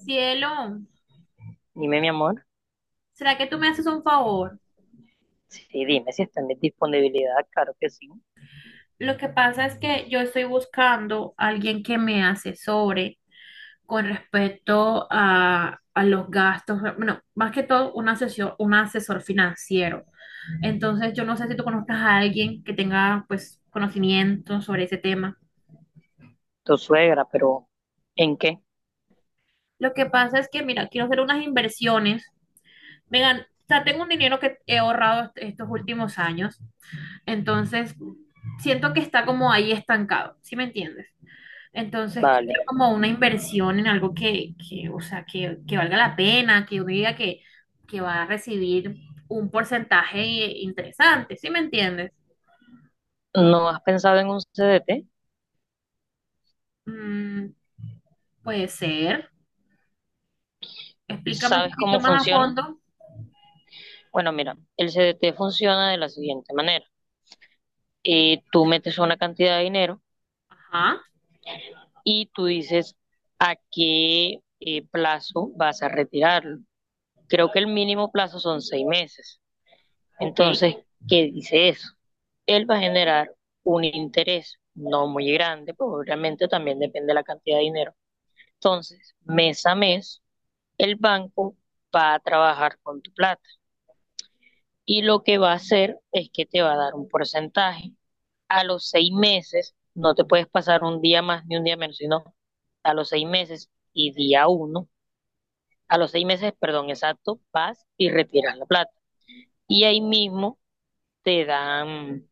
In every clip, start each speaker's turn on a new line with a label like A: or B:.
A: Cielo,
B: Dime, mi amor.
A: ¿será que tú me haces un favor?
B: Sí, dime si está en mi disponibilidad, claro que sí.
A: Lo que pasa es que yo estoy buscando a alguien que me asesore con respecto a los gastos, bueno, más que todo un asesor financiero. Entonces, yo no sé si tú conozcas a alguien que tenga pues conocimiento sobre ese tema.
B: Tu suegra, pero ¿en qué?
A: Lo que pasa es que, mira, quiero hacer unas inversiones. Vengan, o sea, tengo un dinero que he ahorrado estos últimos años. Entonces, siento que está como ahí estancado, ¿sí me entiendes? Entonces, quiero
B: Vale.
A: como una inversión en algo o sea, que valga la pena, que uno diga que, va a recibir un porcentaje interesante, ¿sí me entiendes?
B: ¿No has pensado en un CDT?
A: Mm, puede ser. Explícame un
B: ¿Sabes cómo
A: poquito más a
B: funciona?
A: fondo.
B: Bueno, mira, el CDT funciona de la siguiente manera. Tú metes una cantidad de dinero
A: Ajá,
B: y tú dices a qué plazo vas a retirarlo. Creo que el mínimo plazo son 6 meses.
A: ok.
B: Entonces, ¿qué dice eso? Él va a generar un interés no muy grande, pues obviamente también depende de la cantidad de dinero. Entonces, mes a mes, el banco va a trabajar con tu plata y lo que va a hacer es que te va a dar un porcentaje. A los 6 meses, no te puedes pasar un día más ni un día menos, sino a los 6 meses y día uno, a los seis meses, perdón, exacto, vas y retiras la plata. Y ahí mismo te dan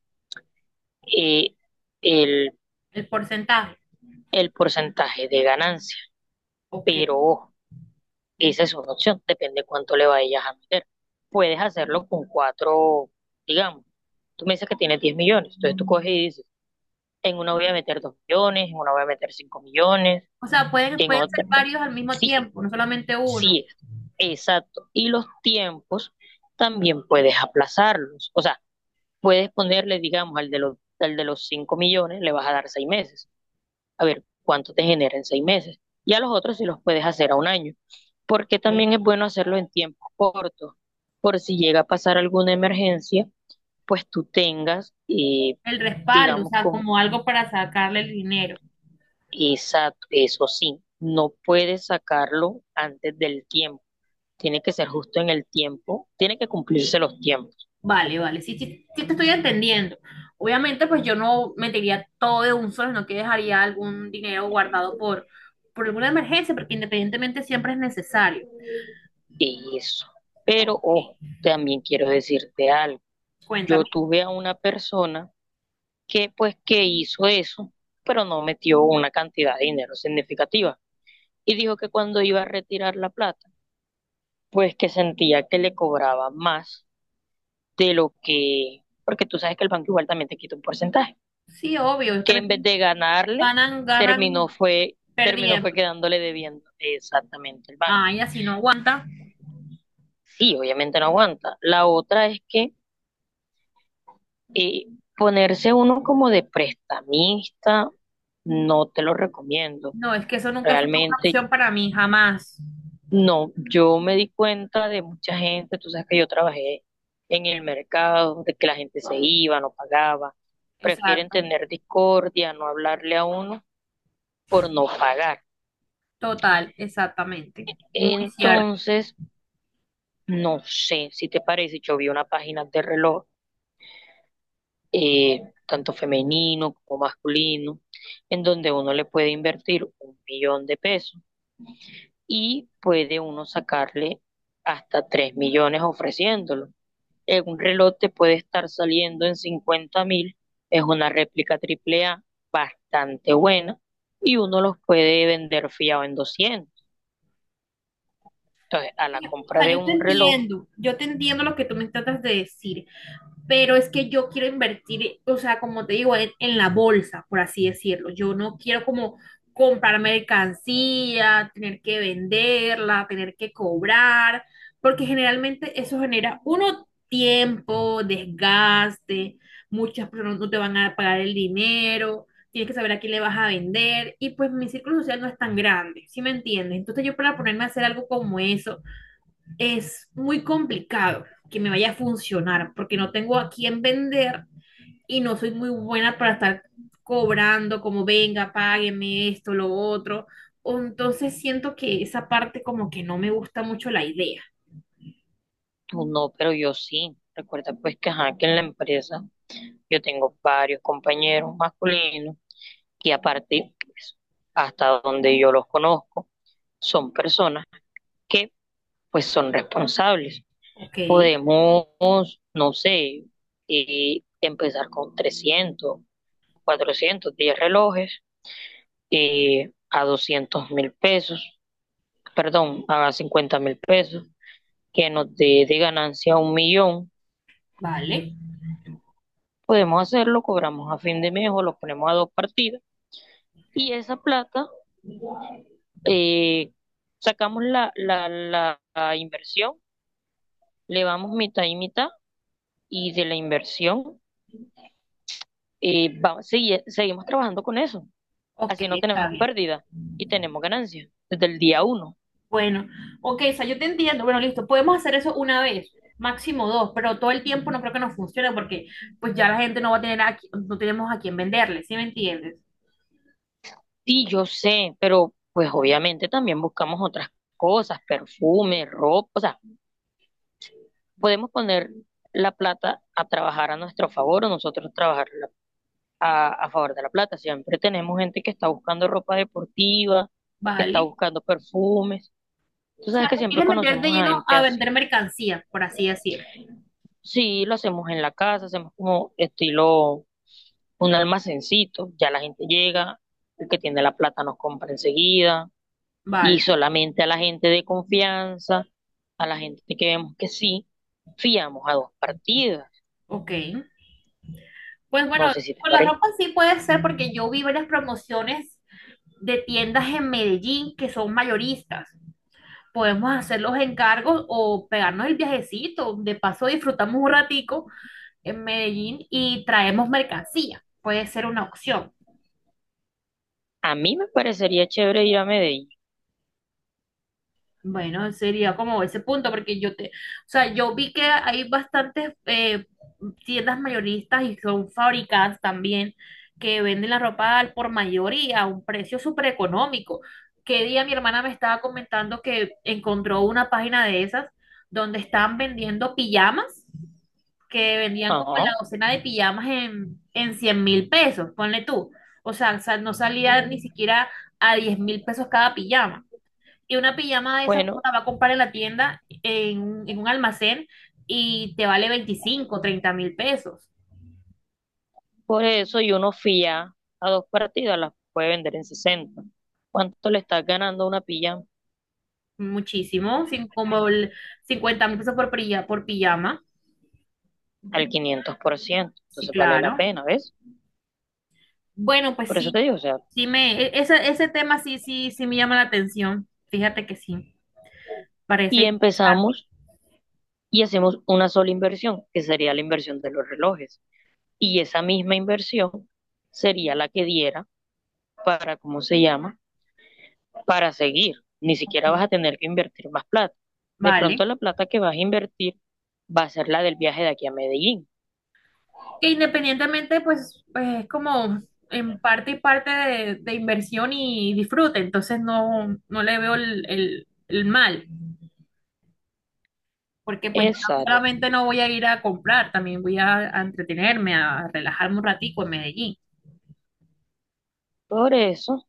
B: eh, el,
A: El porcentaje,
B: el porcentaje de ganancia.
A: ok.
B: Pero ojo, esa es una opción, depende cuánto le vayas a meter. Puedes hacerlo con cuatro, digamos. Tú me dices que tienes 10 millones, entonces tú coges y dices, en una voy a meter 2 millones, en una voy a meter 5 millones,
A: O sea,
B: en
A: pueden ser
B: otra.
A: varios al mismo
B: Sí,
A: tiempo, no solamente uno.
B: sí es. Exacto. Y los tiempos también puedes aplazarlos. O sea, puedes ponerle, digamos, al de los 5 millones, le vas a dar 6 meses a ver cuánto te genera en 6 meses. Y a los otros si los puedes hacer a un año. Porque también es
A: Ok.
B: bueno hacerlo en tiempos cortos, por si llega a pasar alguna emergencia, pues tú tengas,
A: El respaldo, o
B: digamos,
A: sea,
B: con
A: como algo para sacarle el dinero.
B: eso sí, no puedes sacarlo antes del tiempo. Tiene que ser justo en el tiempo, tiene que cumplirse los tiempos.
A: Vale, vale, sí, sí, sí te estoy entendiendo. Obviamente, pues yo no metería todo de un solo, sino que dejaría algún dinero guardado por alguna emergencia, porque independientemente siempre es necesario.
B: Eso. Pero,
A: Ok,
B: ojo, también quiero decirte algo. Yo
A: cuéntame.
B: tuve a una persona que pues que hizo eso, pero no metió una cantidad de dinero significativa. Y dijo que cuando iba a retirar la plata, pues que sentía que le cobraba más de lo que, porque tú sabes que el banco igual también te quita un porcentaje,
A: Sí, obvio, ellos
B: que en vez
A: también
B: de ganarle,
A: ganan
B: terminó
A: perdiendo.
B: fue quedándole debiendo exactamente el banco.
A: Ay, así no aguanta.
B: Sí, obviamente no aguanta. La otra es que eh, ponerse uno como de prestamista, no te lo recomiendo.
A: No, es que eso nunca fue una
B: Realmente.
A: opción para mí, jamás.
B: No, yo me di cuenta de mucha gente, tú sabes que yo trabajé en el mercado, de que la gente se iba, no pagaba, prefieren
A: Exacto,
B: tener discordia, no hablarle a uno por no pagar.
A: total, exactamente. Muy cierto.
B: Entonces, no sé si te parece, yo vi una página de reloj, eh, tanto femenino como masculino, en donde uno le puede invertir 1 millón de pesos y puede uno sacarle hasta 3 millones ofreciéndolo. En un reloj te puede estar saliendo en 50.000. Es una réplica AAA bastante buena y uno los puede vender fiado en 200. Entonces, a la
A: O
B: compra
A: sea,
B: de un reloj,
A: yo te entiendo lo que tú me tratas de decir, pero es que yo quiero invertir, o sea, como te digo, en la bolsa, por así decirlo. Yo no quiero como comprar mercancía, tener que venderla, tener que cobrar, porque generalmente eso genera uno tiempo, desgaste, muchas personas no te van a pagar el dinero, tienes que saber a quién le vas a vender y pues mi círculo social no es tan grande, ¿sí me entiendes? Entonces yo para ponerme a hacer algo como eso es muy complicado que me vaya a funcionar porque no tengo a quién vender y no soy muy buena para estar cobrando como venga, págueme esto, lo otro. O Entonces siento que esa parte como que no me gusta mucho la idea.
B: tú no, pero yo sí. Recuerda pues que, ajá, que en la empresa yo tengo varios compañeros masculinos y aparte, pues, hasta donde yo los conozco, son personas que pues son responsables.
A: Ok,
B: Podemos, no sé, empezar con 300 400 10 relojes a 200.000 pesos, perdón, a 50.000 pesos, que nos dé de ganancia 1 millón.
A: vale.
B: Podemos hacerlo, cobramos a fin de mes o lo ponemos a dos partidas y esa plata eh, sacamos la inversión, le vamos mitad y mitad y de la inversión seguimos trabajando con eso.
A: Ok,
B: Así no
A: está
B: tenemos
A: bien.
B: pérdida y tenemos ganancia desde el día uno.
A: Bueno, ok, o sea, yo te entiendo. Bueno, listo, podemos hacer eso una vez, máximo dos, pero todo el tiempo no creo que nos funcione porque pues ya la gente no va a tener no tenemos a quién venderle, ¿sí me entiendes?
B: Sí, yo sé, pero pues obviamente también buscamos otras cosas, perfume, ropa, o sea, podemos poner la plata a trabajar a nuestro favor o nosotros trabajar a favor de la plata. Siempre tenemos gente que está buscando ropa deportiva, que está
A: Vale.
B: buscando perfumes. Tú sabes que siempre
A: ¿Quieres meter de
B: conocemos a
A: lleno
B: gente
A: a
B: así.
A: vender mercancía, por así decir?
B: Sí, lo hacemos en la casa, hacemos como estilo un almacencito, ya la gente llega, el que tiene la plata nos compra enseguida y
A: Vale,
B: solamente a la gente de confianza, a la gente que vemos que sí, fiamos a dos partidas.
A: ok. Pues
B: No
A: bueno,
B: sé si te
A: con la
B: parece.
A: ropa sí puede ser porque yo vi varias promociones de tiendas en Medellín que son mayoristas. Podemos hacer los encargos o pegarnos el viajecito. De paso disfrutamos un ratico en Medellín y traemos mercancía. Puede ser una opción.
B: A mí me parecería chévere ir a Medellín.
A: Bueno, sería como ese punto, porque yo te, o sea, yo vi que hay bastantes tiendas mayoristas y son fábricas también que venden la ropa al por mayor y a un precio súper económico. Que día mi hermana me estaba comentando que encontró una página de esas donde estaban vendiendo pijamas, que vendían como
B: Ajá.
A: la docena de pijamas en 100.000 pesos, ponle tú. O sea, no salía ni siquiera a 10.000 pesos cada pijama. Y una pijama de esas uno
B: Bueno,
A: la va a comprar en la tienda, en un almacén, y te vale 25, 30 mil pesos.
B: por eso y uno fía a dos partidas, las puede vender en 60. ¿Cuánto le estás ganando una pilla?
A: Muchísimo, sin, como el 50.000 pesos por pijama.
B: Al 500%.
A: Sí,
B: Entonces vale la
A: claro.
B: pena, ¿ves?
A: Bueno, pues
B: Por eso te
A: sí,
B: digo, o sea,
A: ese tema sí, sí, sí me llama la atención. Fíjate que sí, parece
B: y
A: interesante.
B: empezamos y hacemos una sola inversión, que sería la inversión de los relojes. Y esa misma inversión sería la que diera para, ¿cómo se llama? Para seguir. Ni
A: Ok,
B: siquiera vas a tener que invertir más plata. De pronto
A: vale.
B: la plata que vas a invertir va a ser la del viaje de aquí a Medellín.
A: Que independientemente, pues, es como en parte y parte de inversión y disfrute, entonces no, no le veo el mal, porque pues yo
B: Exacto.
A: solamente no voy a ir a comprar, también voy a entretenerme, a relajarme un ratico en Medellín.
B: Por eso,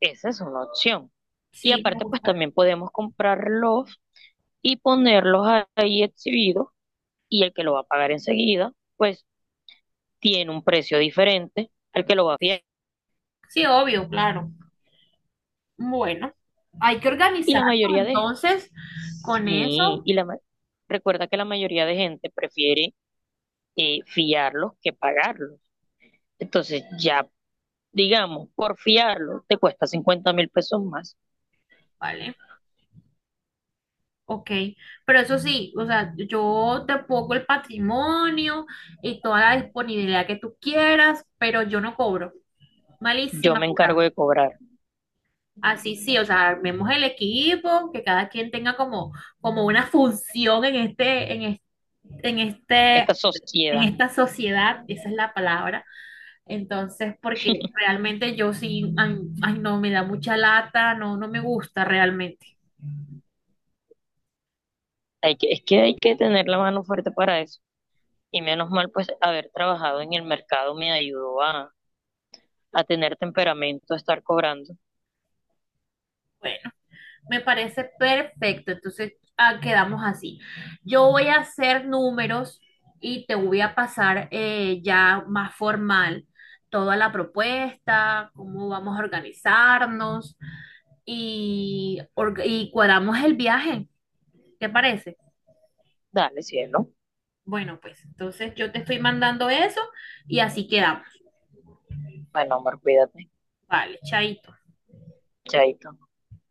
B: esa es una opción. Y
A: Sí, me
B: aparte, pues
A: gusta.
B: también podemos comprarlos y ponerlos ahí exhibidos y el que lo va a pagar enseguida, pues tiene un precio diferente al que lo va a fiar.
A: Sí, obvio, claro. Bueno, hay que
B: Y la
A: organizarnos
B: mayoría de
A: entonces con
B: Sí,
A: eso,
B: y recuerda que la mayoría de gente prefiere fiarlos que pagarlos. Entonces, ya, digamos, por fiarlo te cuesta 50.000 pesos más.
A: ¿vale? Ok, pero eso sí, o sea, yo te pongo el patrimonio y toda la disponibilidad que tú quieras, pero yo no cobro.
B: Yo
A: Malísima
B: me encargo
A: jugada.
B: de cobrar.
A: Así sí, o sea, armemos el equipo, que cada quien tenga como, como una función en
B: Esta
A: este, en
B: sociedad,
A: esta sociedad, esa es la palabra. Entonces, porque realmente yo sí, ay, ay, no, me da mucha lata, no, no me gusta realmente.
B: es que hay que tener la mano fuerte para eso. Y menos mal, pues, haber trabajado en el mercado me ayudó a tener temperamento, a estar cobrando.
A: Me parece perfecto. Entonces, ah, quedamos así. Yo voy a hacer números y te voy a pasar ya más formal toda la propuesta, cómo vamos a organizarnos y cuadramos el viaje. ¿Te parece?
B: Dale, cielo.
A: Bueno, pues entonces yo te estoy mandando eso y así quedamos.
B: Bueno, amor, cuídate.
A: Vale, chaito.
B: Chaito.